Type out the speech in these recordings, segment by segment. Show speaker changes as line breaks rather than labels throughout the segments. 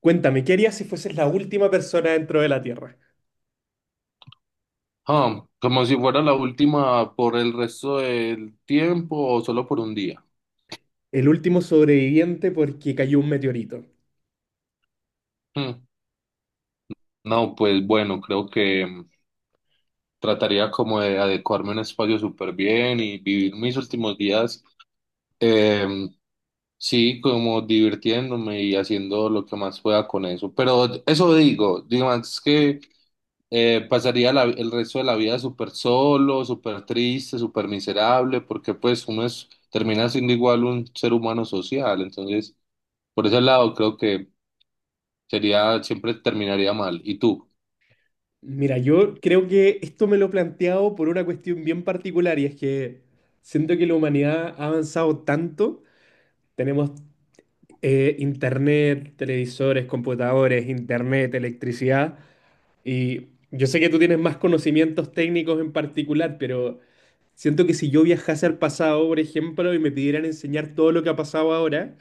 Cuéntame, ¿qué harías si fueses la última persona dentro de la Tierra?
Ah, como si fuera la última por el resto del tiempo o solo por un día.
El último sobreviviente porque cayó un meteorito.
Hmm. No, pues bueno, creo que trataría como de adecuarme a un espacio súper bien y vivir mis últimos días, em, sí, como divirtiéndome y haciendo lo que más pueda con eso. Pero eso digo, es que pasaría el resto de la vida súper solo, súper triste, súper miserable, porque pues uno termina siendo igual un ser humano social, entonces. Por ese lado, creo que siempre terminaría mal. ¿Y tú?
Mira, yo creo que esto me lo he planteado por una cuestión bien particular y es que siento que la humanidad ha avanzado tanto. Tenemos internet, televisores, computadores, internet, electricidad y yo sé que tú tienes más conocimientos técnicos en particular, pero siento que si yo viajase al pasado, por ejemplo, y me pidieran enseñar todo lo que ha pasado ahora,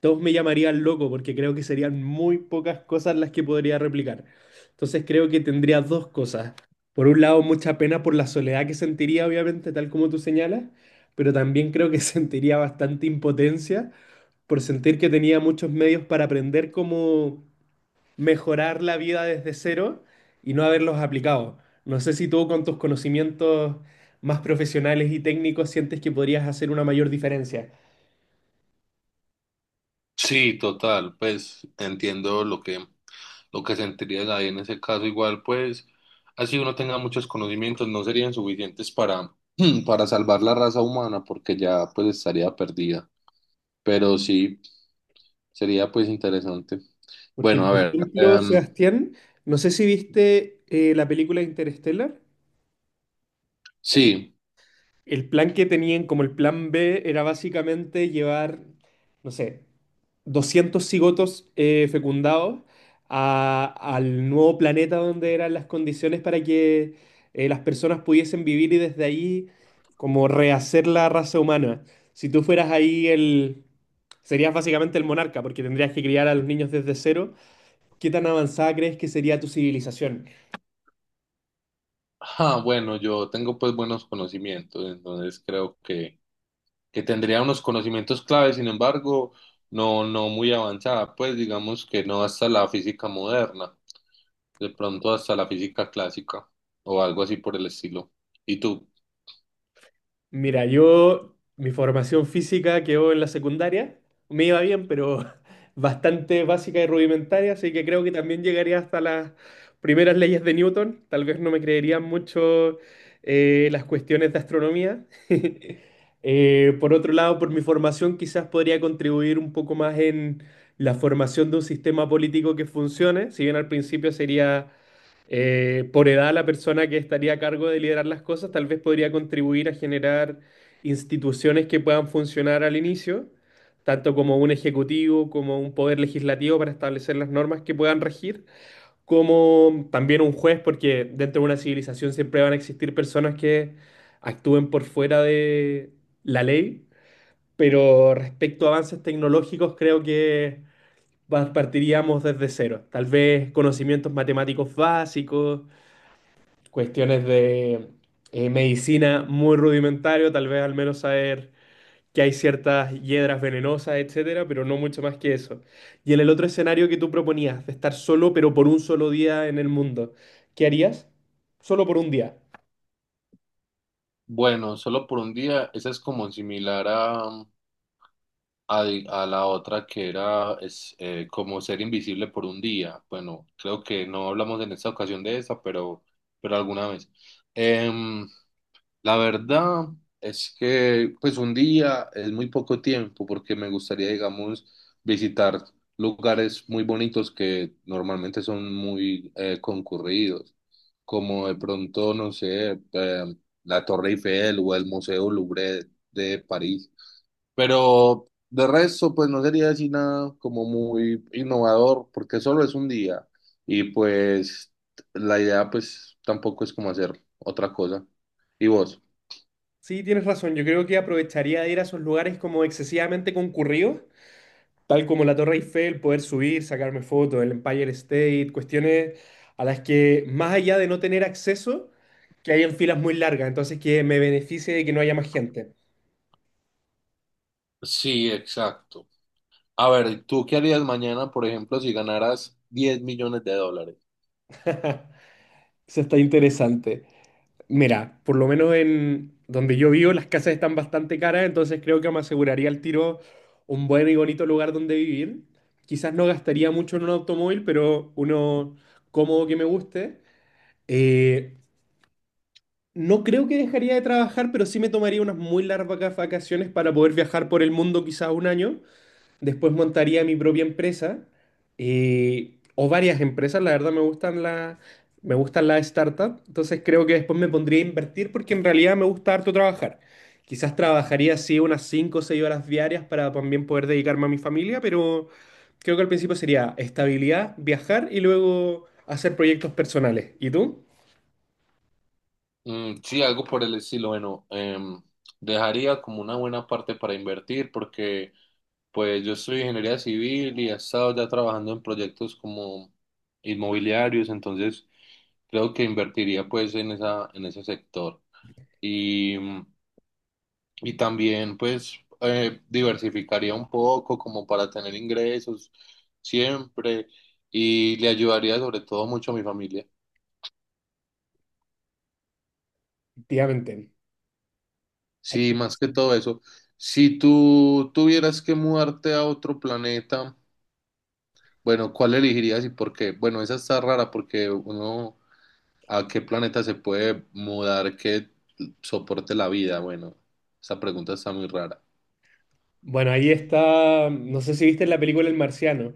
todos me llamarían loco porque creo que serían muy pocas cosas las que podría replicar. Entonces creo que tendría dos cosas. Por un lado, mucha pena por la soledad que sentiría, obviamente, tal como tú señalas, pero también creo que sentiría bastante impotencia por sentir que tenía muchos medios para aprender cómo mejorar la vida desde cero y no haberlos aplicado. No sé si tú con tus conocimientos más profesionales y técnicos sientes que podrías hacer una mayor diferencia.
Sí, total, pues entiendo lo que sentirías ahí en ese caso. Igual, pues, así uno tenga muchos conocimientos, no serían suficientes para salvar la raza humana, porque ya pues estaría perdida. Pero sí, sería pues interesante.
Porque,
Bueno, a
por
ver,
ejemplo, Sebastián, no sé si viste la película Interstellar.
sí.
El plan que tenían, como el plan B, era básicamente llevar, no sé, 200 cigotos fecundados al nuevo planeta donde eran las condiciones para que las personas pudiesen vivir y desde ahí como rehacer la raza humana. Si tú fueras ahí el... serías básicamente el monarca porque tendrías que criar a los niños desde cero. ¿Qué tan avanzada crees que sería tu civilización?
Ah, bueno, yo tengo pues buenos conocimientos, entonces creo que tendría unos conocimientos claves, sin embargo, no, no muy avanzada, pues digamos que no hasta la física moderna, de pronto hasta la física clásica o algo así por el estilo. ¿Y tú?
Mira, yo, mi formación física quedó en la secundaria, me iba bien, pero bastante básica y rudimentaria, así que creo que también llegaría hasta las primeras leyes de Newton. Tal vez no me creerían mucho las cuestiones de astronomía. Por otro lado, por mi formación quizás podría contribuir un poco más en la formación de un sistema político que funcione, si bien al principio sería por edad, la persona que estaría a cargo de liderar las cosas tal vez podría contribuir a generar instituciones que puedan funcionar al inicio, tanto como un ejecutivo, como un poder legislativo para establecer las normas que puedan regir, como también un juez, porque dentro de una civilización siempre van a existir personas que actúen por fuera de la ley, pero respecto a avances tecnológicos creo que... partiríamos desde cero, tal vez conocimientos matemáticos básicos, cuestiones de medicina muy rudimentario, tal vez al menos saber que hay ciertas hiedras venenosas, etcétera, pero no mucho más que eso. Y en el otro escenario que tú proponías, de estar solo, pero por un solo día en el mundo, ¿qué harías? Solo por un día.
Bueno, solo por un día, esa es como similar a, a la otra que era como ser invisible por un día. Bueno, creo que no hablamos en esta ocasión de esa, pero alguna vez. Em, La verdad es que pues un día es muy poco tiempo porque me gustaría, digamos, visitar lugares muy bonitos que normalmente son muy concurridos, como de pronto, no sé, la Torre Eiffel o el Museo Louvre de París. Pero de resto, pues no sería así nada como muy innovador porque solo es un día y pues la idea pues tampoco es como hacer otra cosa. ¿Y vos?
Sí, tienes razón, yo creo que aprovecharía de ir a esos lugares como excesivamente concurridos, tal como la Torre Eiffel, poder subir, sacarme fotos, el Empire State, cuestiones a las que, más allá de no tener acceso, que hayan filas muy largas, entonces que me beneficie de que no haya más gente.
Sí, exacto. A ver, ¿tú qué harías mañana, por ejemplo, si ganaras 10 millones de dólares?
Eso está interesante. Mira, por lo menos en donde yo vivo, las casas están bastante caras, entonces creo que me aseguraría al tiro un buen y bonito lugar donde vivir. Quizás no gastaría mucho en un automóvil, pero uno cómodo que me guste. Eh, No creo que dejaría de trabajar, pero sí me tomaría unas muy largas vacaciones para poder viajar por el mundo quizás un año. Después montaría mi propia empresa, o varias empresas. La verdad me gustan las startups. Entonces creo que después me pondría a invertir porque en realidad me gusta harto trabajar. Quizás trabajaría así unas 5 o 6 horas diarias para también poder dedicarme a mi familia, pero creo que al principio sería estabilidad, viajar y luego hacer proyectos personales. ¿Y tú?
Mm, sí, algo por el estilo. Bueno, dejaría como una buena parte para invertir porque pues yo soy ingeniería civil y he estado ya trabajando en proyectos como inmobiliarios, entonces creo que invertiría pues en ese sector. Y mm, Y también, pues, diversificaría un poco como para tener ingresos siempre y le ayudaría sobre todo mucho a mi familia.
Efectivamente. Hay
Sí,
que-
más que todo eso. Si tú tuvieras que mudarte a otro planeta, bueno, ¿cuál elegirías y por qué? Bueno, esa está rara porque uno, ¿a qué planeta se puede mudar que soporte la vida? Bueno, esa pregunta está muy rara.
Bueno, ahí está, no sé si viste la película El Marciano,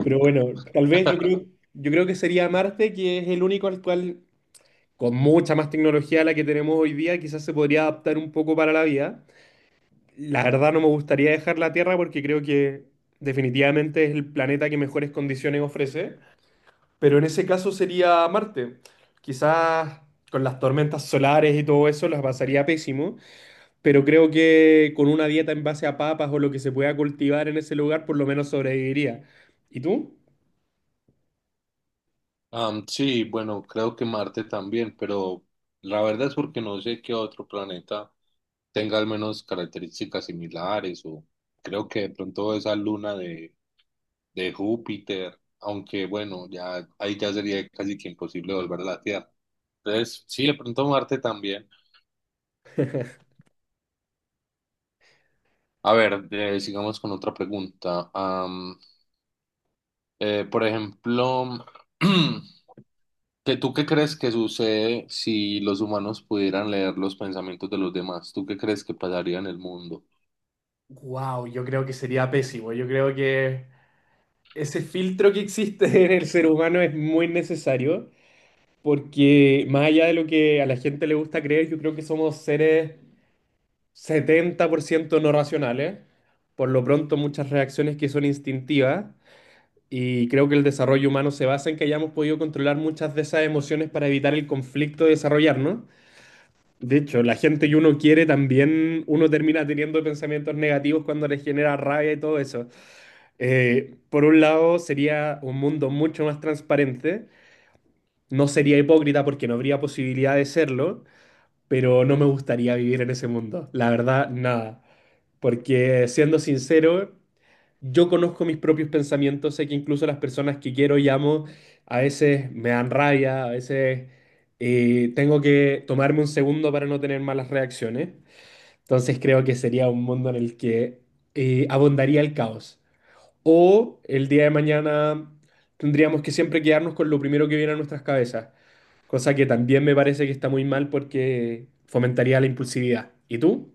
pero bueno, tal vez yo creo que sería Marte, que es el único al cual, con mucha más tecnología a la que tenemos hoy día, quizás se podría adaptar un poco para la vida. La verdad no me gustaría dejar la Tierra porque creo que definitivamente es el planeta que mejores condiciones ofrece, pero en ese caso sería Marte. Quizás con las tormentas solares y todo eso las pasaría pésimo, pero creo que con una dieta en base a papas o lo que se pueda cultivar en ese lugar, por lo menos sobreviviría. ¿Y tú?
Sí, bueno, creo que Marte también, pero la verdad es porque no sé qué otro planeta tenga al menos características similares o creo que de pronto esa luna de Júpiter, aunque bueno, ya ahí ya sería casi que imposible volver a la Tierra. Entonces, sí, de pronto Marte también. A ver, sigamos con otra pregunta. Por ejemplo, ¿Que tú qué crees que sucede si los humanos pudieran leer los pensamientos de los demás? ¿Tú qué crees que pasaría en el mundo?
Wow, yo creo que sería pésimo. Yo creo que ese filtro que existe en el ser humano es muy necesario, porque más allá de lo que a la gente le gusta creer, yo creo que somos seres 70% no racionales, por lo pronto muchas reacciones que son instintivas, y creo que el desarrollo humano se basa en que hayamos podido controlar muchas de esas emociones para evitar el conflicto de desarrollarnos. De hecho, la gente que uno quiere también, uno termina teniendo pensamientos negativos cuando les genera rabia y todo eso. Por un lado, sería un mundo mucho más transparente. No sería hipócrita porque no habría posibilidad de serlo, pero no me gustaría vivir en ese mundo. La verdad, nada. Porque siendo sincero, yo conozco mis propios pensamientos, sé que incluso las personas que quiero y amo a veces me dan rabia, a veces tengo que tomarme un segundo para no tener malas reacciones. Entonces creo que sería un mundo en el que abundaría el caos. O el día de mañana tendríamos que siempre quedarnos con lo primero que viene a nuestras cabezas, cosa que también me parece que está muy mal porque fomentaría la impulsividad. ¿Y tú?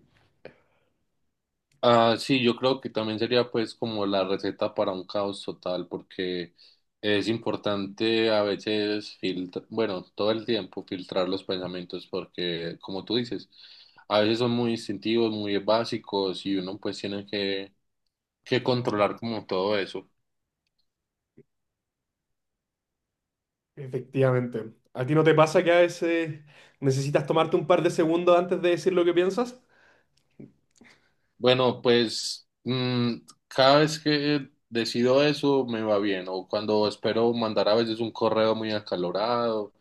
Ah, sí, yo creo que también sería pues como la receta para un caos total, porque es importante a veces filtrar, bueno, todo el tiempo filtrar los pensamientos, porque como tú dices, a veces son muy instintivos, muy básicos y uno pues tiene que controlar como todo eso.
Efectivamente. ¿A ti no te pasa que a veces necesitas tomarte un par de segundos antes de decir lo que piensas?
Bueno, pues cada vez que decido eso me va bien. O cuando espero mandar a veces un correo muy acalorado,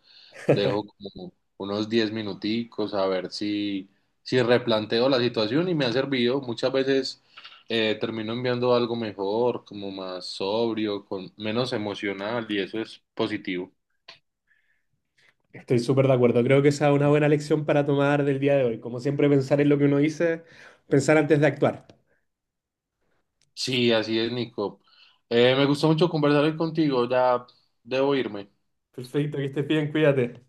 dejo como unos 10 minuticos a ver si replanteo la situación y me ha servido. Muchas veces termino enviando algo mejor, como más sobrio, con menos emocional y eso es positivo.
Estoy súper de acuerdo. Creo que esa es una buena lección para tomar del día de hoy. Como siempre, pensar en lo que uno dice, pensar antes de actuar.
Sí, así es, Nico. Me gustó mucho conversar hoy contigo. Ya debo irme.
Perfecto, que estés bien, cuídate.